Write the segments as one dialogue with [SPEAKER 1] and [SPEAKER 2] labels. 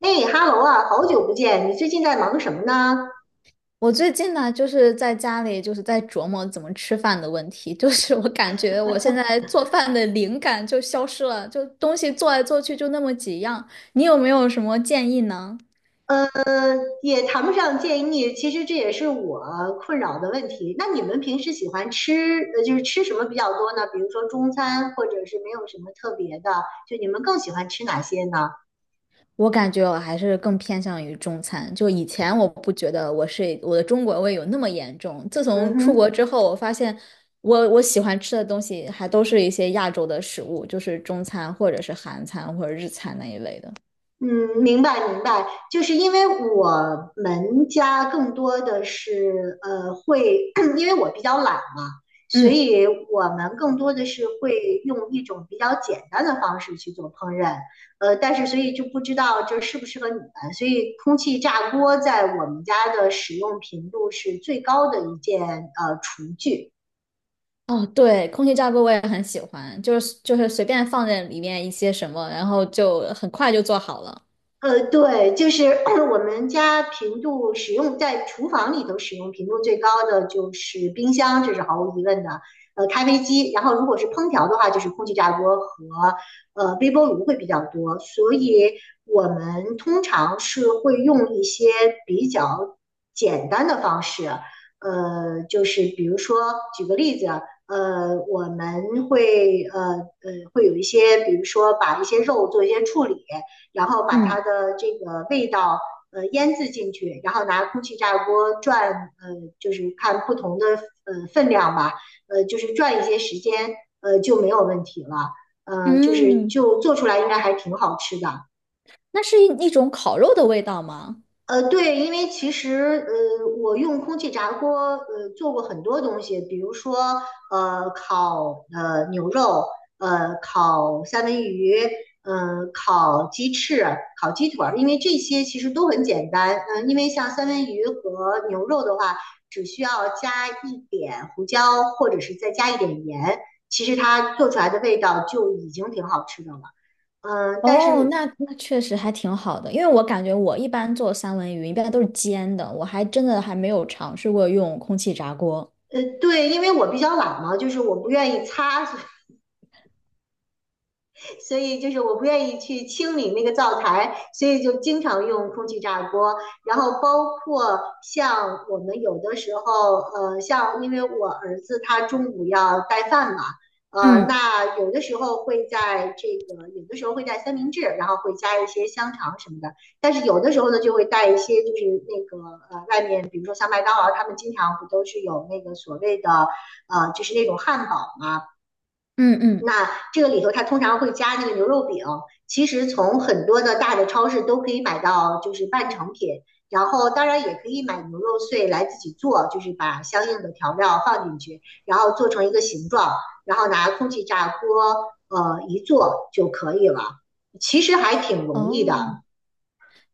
[SPEAKER 1] 哎哈喽啊，好久不见！你最近在忙什么呢？
[SPEAKER 2] 我最近呢，就是在家里，就是在琢磨怎么吃饭的问题。就是我感觉我现在做饭的灵感就消失了，就东西做来做去就那么几样。你有没有什么建议呢？
[SPEAKER 1] 也谈不上建议，其实这也是我困扰的问题。那你们平时喜欢吃，就是吃什么比较多呢？比如说中餐，或者是没有什么特别的，就你们更喜欢吃哪些呢？
[SPEAKER 2] 我感觉我还是更偏向于中餐。就以前我不觉得我是我的中国胃有那么严重，自
[SPEAKER 1] 嗯
[SPEAKER 2] 从出国
[SPEAKER 1] 哼。
[SPEAKER 2] 之后，我发现我喜欢吃的东西还都是一些亚洲的食物，就是中餐或者是韩餐或者日餐那一类的。
[SPEAKER 1] 嗯，明白明白，就是因为我们家更多的是会，因为我比较懒嘛，所
[SPEAKER 2] 嗯。
[SPEAKER 1] 以我们更多的是会用一种比较简单的方式去做烹饪，但是所以就不知道这适不适合你们，所以空气炸锅在我们家的使用频度是最高的一件厨具。
[SPEAKER 2] 哦，对，空气炸锅我也很喜欢，就是随便放在里面一些什么，然后就很快就做好了。
[SPEAKER 1] 对，就是 我们家频度使用在厨房里头使用频度最高的就是冰箱，这是毫无疑问的。咖啡机，然后如果是烹调的话，就是空气炸锅和微波炉会比较多，所以我们通常是会用一些比较简单的方式，就是比如说举个例子，我们会有一些，比如说把一些肉做一些处理，然后把它
[SPEAKER 2] 嗯，
[SPEAKER 1] 的这个味道腌制进去，然后拿空气炸锅转，呃，就是看不同的分量吧，就是转一些时间，就没有问题了，就是
[SPEAKER 2] 嗯，
[SPEAKER 1] 就做出来应该还挺好吃的。
[SPEAKER 2] 那是一种烤肉的味道吗？
[SPEAKER 1] 对，因为其实我用空气炸锅做过很多东西，比如说烤牛肉，烤三文鱼，烤鸡翅、烤鸡腿儿，因为这些其实都很简单。嗯、因为像三文鱼和牛肉的话，只需要加一点胡椒，或者是再加一点盐，其实它做出来的味道就已经挺好吃的了。但
[SPEAKER 2] 哦，
[SPEAKER 1] 是
[SPEAKER 2] 那那确实还挺好的，因为我感觉我一般做三文鱼一般都是煎的，我还真的还没有尝试过用空气炸锅。
[SPEAKER 1] 对，因为我比较懒嘛，就是我不愿意擦，所以就是我不愿意去清理那个灶台，所以就经常用空气炸锅。然后包括像我们有的时候，像因为我儿子他中午要带饭嘛，
[SPEAKER 2] 嗯
[SPEAKER 1] 那有的时候会在这个，有的时候会带三明治，然后会加一些香肠什么的。但是有的时候呢，就会带一些就是那个外面比如说像麦当劳，他们经常不都是有那个所谓的就是那种汉堡嘛、啊
[SPEAKER 2] 嗯嗯，
[SPEAKER 1] 这个里头它通常会加那个牛肉饼，其实从很多的大的超市都可以买到，就是半成品。然后当然也可以买牛肉碎来自己做，就是把相应的调料放进去，然后做成一个形状，然后拿空气炸锅一做就可以了。其实还挺容易的。
[SPEAKER 2] 哦，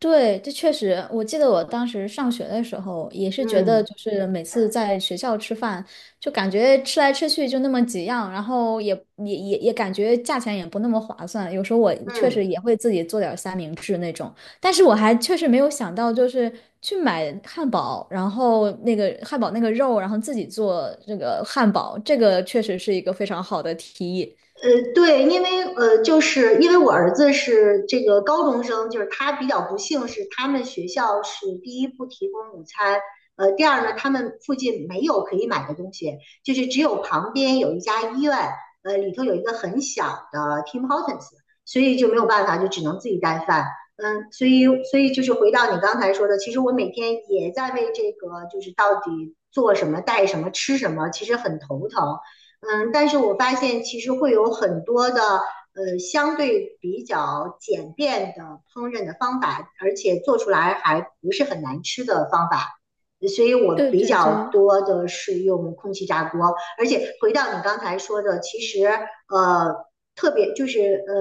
[SPEAKER 2] 对，这确实，我记得我当时上学的时候，也是觉得
[SPEAKER 1] 嗯
[SPEAKER 2] 就是每次在学校吃饭，就感觉吃来吃去就那么几样，然后也感觉价钱也不那么划算。有时候我确实
[SPEAKER 1] 嗯。
[SPEAKER 2] 也会自己做点儿三明治那种，但是我还确实没有想到，就是去买汉堡，然后那个汉堡那个肉，然后自己做这个汉堡，这个确实是一个非常好的提议。
[SPEAKER 1] 对，因为就是因为我儿子是这个高中生，就是他比较不幸是他们学校是第一不提供午餐，第二呢，他们附近没有可以买的东西，就是只有旁边有一家医院，里头有一个很小的 Tim Hortons，所以就没有办法，就只能自己带饭。所以就是回到你刚才说的，其实我每天也在为这个就是到底做什么、带什么、吃什么，其实很头疼。但是我发现其实会有很多的相对比较简便的烹饪的方法，而且做出来还不是很难吃的方法，所以我
[SPEAKER 2] 对
[SPEAKER 1] 比
[SPEAKER 2] 对
[SPEAKER 1] 较
[SPEAKER 2] 对，
[SPEAKER 1] 多的是用空气炸锅。而且回到你刚才说的，其实呃特别就是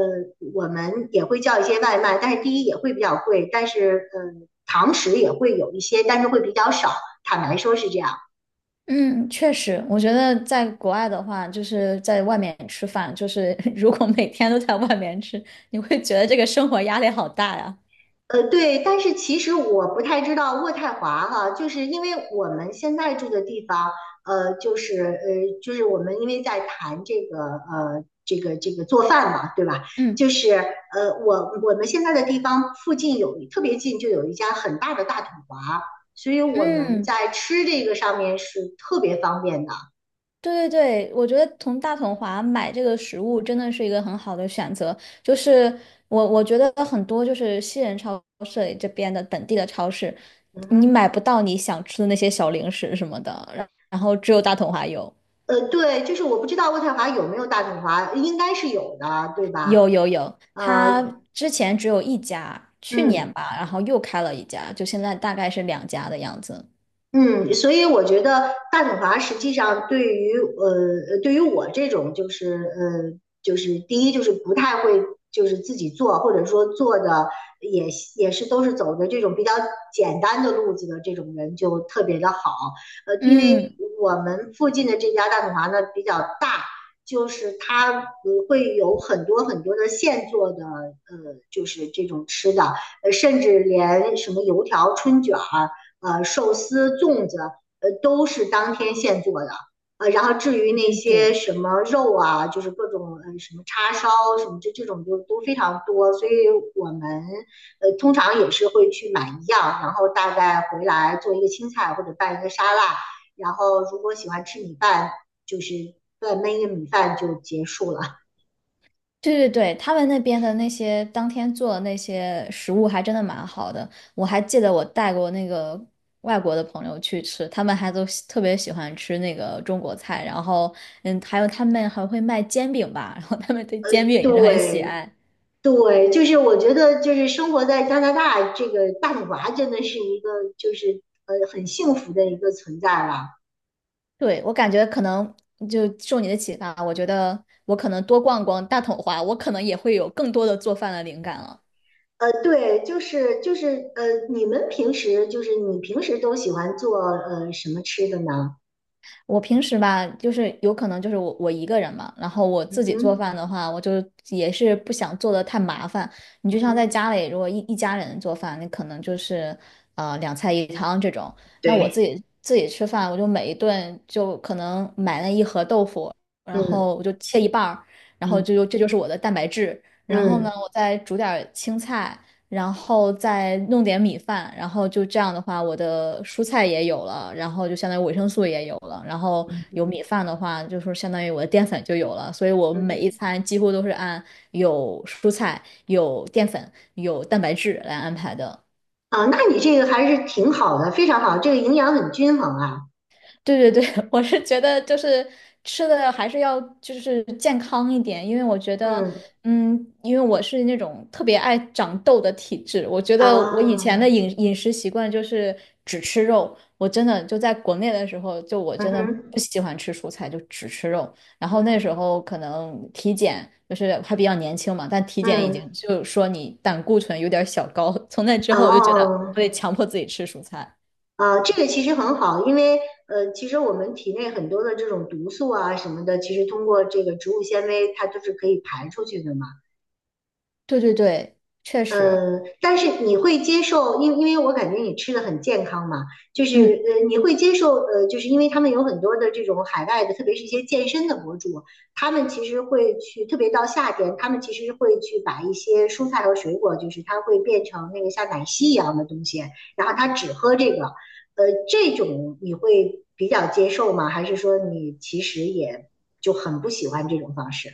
[SPEAKER 1] 我们也会叫一些外卖，但是第一也会比较贵，但是堂食也会有一些，但是会比较少。坦白说是这样。
[SPEAKER 2] 嗯，确实，我觉得在国外的话，就是在外面吃饭，就是 如果每天都在外面吃，你会觉得这个生活压力好大呀。
[SPEAKER 1] 对，但是其实我不太知道渥太华哈，就是因为我们现在住的地方，就是就是我们因为在谈这个这个做饭嘛，对吧？就
[SPEAKER 2] 嗯
[SPEAKER 1] 是我们现在的地方附近有特别近就有一家很大的大统华，所以我们
[SPEAKER 2] 嗯，
[SPEAKER 1] 在吃这个上面是特别方便的。
[SPEAKER 2] 对对对，我觉得从大统华买这个食物真的是一个很好的选择。就是我觉得很多就是西人超市里这边的本地的超市，
[SPEAKER 1] 嗯
[SPEAKER 2] 你
[SPEAKER 1] 哼。
[SPEAKER 2] 买不到你想吃的那些小零食什么的，然后只有大统华有。
[SPEAKER 1] 对，就是我不知道渥太华有没有大统华，应该是有的，对吧？
[SPEAKER 2] 有有有，
[SPEAKER 1] 呃，
[SPEAKER 2] 他之前只有一家，去
[SPEAKER 1] 嗯。
[SPEAKER 2] 年吧，然后又开了一家，就现在大概是两家的样子。
[SPEAKER 1] 嗯，所以我觉得大统华实际上对于对于我这种就是就是第一就是不太会就是自己做，或者说做的也也是都是走的这种比较简单的路子的这种人就特别的好。因为
[SPEAKER 2] 嗯，
[SPEAKER 1] 我们附近的这家大统华呢比较大，就是它会有很多很多的现做的就是这种吃的，甚至连什么油条、春卷儿。寿司、粽子，都是当天现做的。然后至于
[SPEAKER 2] 对
[SPEAKER 1] 那
[SPEAKER 2] 对
[SPEAKER 1] 些
[SPEAKER 2] 对。
[SPEAKER 1] 什么肉啊，就是各种什么叉烧什么这种就都非常多，所以我们通常也是会去买一样，然后大概回来做一个青菜或者拌一个沙拉，然后如果喜欢吃米饭，就是再焖一个米饭就结束了。
[SPEAKER 2] 对对对，他们那边的那些当天做的那些食物还真的蛮好的，我还记得我带过那个外国的朋友去吃，他们还都特别喜欢吃那个中国菜，然后嗯，还有他们还会卖煎饼吧，然后他们对煎饼 也是很喜
[SPEAKER 1] 对，
[SPEAKER 2] 爱。
[SPEAKER 1] 对，就是我觉得就是生活在加拿大这个大女娃真的是一个就是很幸福的一个存在了。
[SPEAKER 2] 对，我感觉可能就受你的启发，我觉得我可能多逛逛大统华，我可能也会有更多的做饭的灵感了。
[SPEAKER 1] 对，就是，你平时都喜欢做什么吃的呢？
[SPEAKER 2] 我平时吧，就是有可能就是我一个人嘛，然后我
[SPEAKER 1] 嗯
[SPEAKER 2] 自己做
[SPEAKER 1] 哼。
[SPEAKER 2] 饭的话，我就也是不想做的太麻烦。你
[SPEAKER 1] 嗯
[SPEAKER 2] 就像在
[SPEAKER 1] 哼。
[SPEAKER 2] 家里，如果一家人做饭，你可能就是两菜一汤这种。那我
[SPEAKER 1] 对。
[SPEAKER 2] 自己吃饭，我就每一顿就可能买了一盒豆腐，然
[SPEAKER 1] 嗯
[SPEAKER 2] 后我就切一半儿，然后
[SPEAKER 1] 嗯
[SPEAKER 2] 就这就是我的蛋白质。然后呢，
[SPEAKER 1] 嗯
[SPEAKER 2] 我再煮点儿青菜，然后再弄点米饭，然后就这样的话，我的蔬菜也有了，然后就相当于维生素也有了，然后有米饭的话，就是相当于我的淀粉就有了，所以我
[SPEAKER 1] 嗯
[SPEAKER 2] 每一
[SPEAKER 1] 哼。
[SPEAKER 2] 餐几乎都是按有蔬菜、有淀粉、有蛋白质来安排的。
[SPEAKER 1] 啊，那你这个还是挺好的，非常好，这个营养很均衡啊。
[SPEAKER 2] 对对对，我是觉得就是吃的还是要就是健康一点，因为我觉得，
[SPEAKER 1] 嗯
[SPEAKER 2] 嗯，因为我是那种特别爱长痘的体质，我觉得我以
[SPEAKER 1] 啊。
[SPEAKER 2] 前的饮食习惯就是只吃肉，我真的就在国内的时候，就我
[SPEAKER 1] 嗯
[SPEAKER 2] 真的不
[SPEAKER 1] 哼。
[SPEAKER 2] 喜欢吃蔬菜，就只吃肉。然后
[SPEAKER 1] 嗯
[SPEAKER 2] 那时
[SPEAKER 1] 哼。
[SPEAKER 2] 候可能体检就是还比较年轻嘛，但体检已
[SPEAKER 1] 嗯。
[SPEAKER 2] 经就说你胆固醇有点儿小高，从那之后我就觉得
[SPEAKER 1] 哦。
[SPEAKER 2] 我得强迫自己吃蔬菜。
[SPEAKER 1] 啊，这个其实很好，因为其实我们体内很多的这种毒素啊什么的，其实通过这个植物纤维，它都是可以排出去的嘛。
[SPEAKER 2] 对对对，确实。
[SPEAKER 1] 但是你会接受，因为我感觉你吃的很健康嘛，就是
[SPEAKER 2] 嗯。
[SPEAKER 1] 你会接受就是因为他们有很多的这种海外的，特别是一些健身的博主，他们其实会去，特别到夏天，他们其实会去把一些蔬菜和水果，就是它会变成那个像奶昔一样的东西，然后他只喝这个，这种你会比较接受吗？还是说你其实也就很不喜欢这种方式？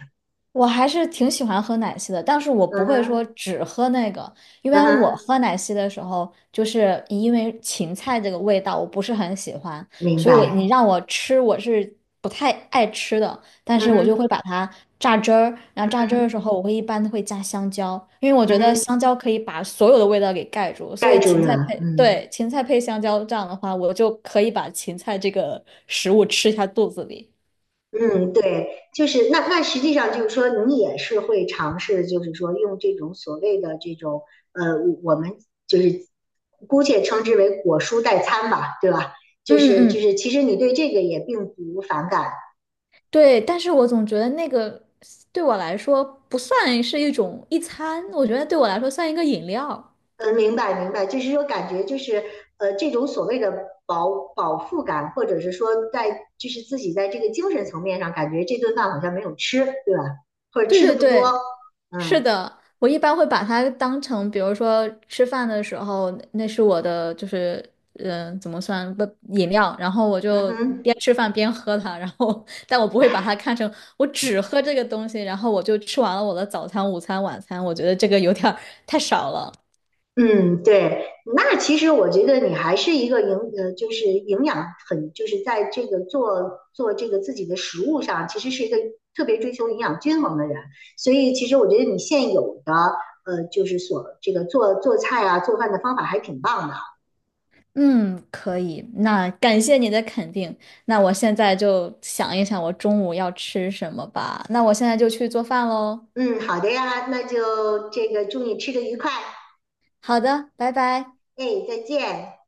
[SPEAKER 2] 我还是挺喜欢喝奶昔的，但是我
[SPEAKER 1] 嗯
[SPEAKER 2] 不会说
[SPEAKER 1] 哼。
[SPEAKER 2] 只喝那个，因
[SPEAKER 1] 嗯
[SPEAKER 2] 为我
[SPEAKER 1] 哼。
[SPEAKER 2] 喝奶昔的时候，就是因为芹菜这个味道我不是很喜欢，
[SPEAKER 1] 明
[SPEAKER 2] 所以我
[SPEAKER 1] 白。
[SPEAKER 2] 你让我吃我是不太爱吃的，但
[SPEAKER 1] 嗯
[SPEAKER 2] 是我就会
[SPEAKER 1] 哼。
[SPEAKER 2] 把它榨汁儿，然后榨汁儿的时
[SPEAKER 1] 嗯。
[SPEAKER 2] 候我一般会加香蕉，因为我觉
[SPEAKER 1] 嗯
[SPEAKER 2] 得
[SPEAKER 1] 哼。
[SPEAKER 2] 香蕉可以把所有的味道给盖住，所
[SPEAKER 1] 盖
[SPEAKER 2] 以
[SPEAKER 1] 住
[SPEAKER 2] 芹菜
[SPEAKER 1] 了。
[SPEAKER 2] 配，
[SPEAKER 1] 嗯
[SPEAKER 2] 对，芹菜配香蕉这样的话，我就可以把芹菜这个食物吃下肚子里。
[SPEAKER 1] 嗯。对，就是那实际上就是说，你也是会尝试，就是说用这种所谓的这种呃，我们就是姑且称之为果蔬代餐吧，对吧？
[SPEAKER 2] 嗯
[SPEAKER 1] 就是就
[SPEAKER 2] 嗯。
[SPEAKER 1] 是，其实你对这个也并不反感。
[SPEAKER 2] 对，但是我总觉得那个对我来说不算是一餐，我觉得对我来说算一个饮料。
[SPEAKER 1] 嗯，明白明白，就是说感觉就是这种所谓的饱腹感，或者是说在就是自己在这个精神层面上，感觉这顿饭好像没有吃，对吧？或者
[SPEAKER 2] 对
[SPEAKER 1] 吃的
[SPEAKER 2] 对
[SPEAKER 1] 不多。
[SPEAKER 2] 对，是
[SPEAKER 1] 嗯。
[SPEAKER 2] 的，我一般会把它当成，比如说吃饭的时候，那是我的就是怎么算不饮料，然后我
[SPEAKER 1] 嗯
[SPEAKER 2] 就
[SPEAKER 1] 哼。
[SPEAKER 2] 边吃饭边喝它，然后 但我不会把它看成我只喝这个东西，然后我就吃完了我的早餐、午餐、晚餐，我觉得这个有点儿太少了。
[SPEAKER 1] 嗯，对，那其实我觉得你还是一个营养很，就是在这个做这个自己的食物上，其实是一个特别追求营养均衡的人。所以其实我觉得你现有的就是这个做菜啊、做饭的方法还挺棒的。
[SPEAKER 2] 嗯，可以。那感谢你的肯定。那我现在就想一想我中午要吃什么吧。那我现在就去做饭喽。
[SPEAKER 1] 嗯，好的呀，那就这个祝你吃的愉快。
[SPEAKER 2] 好的，拜拜。
[SPEAKER 1] 哎，再见。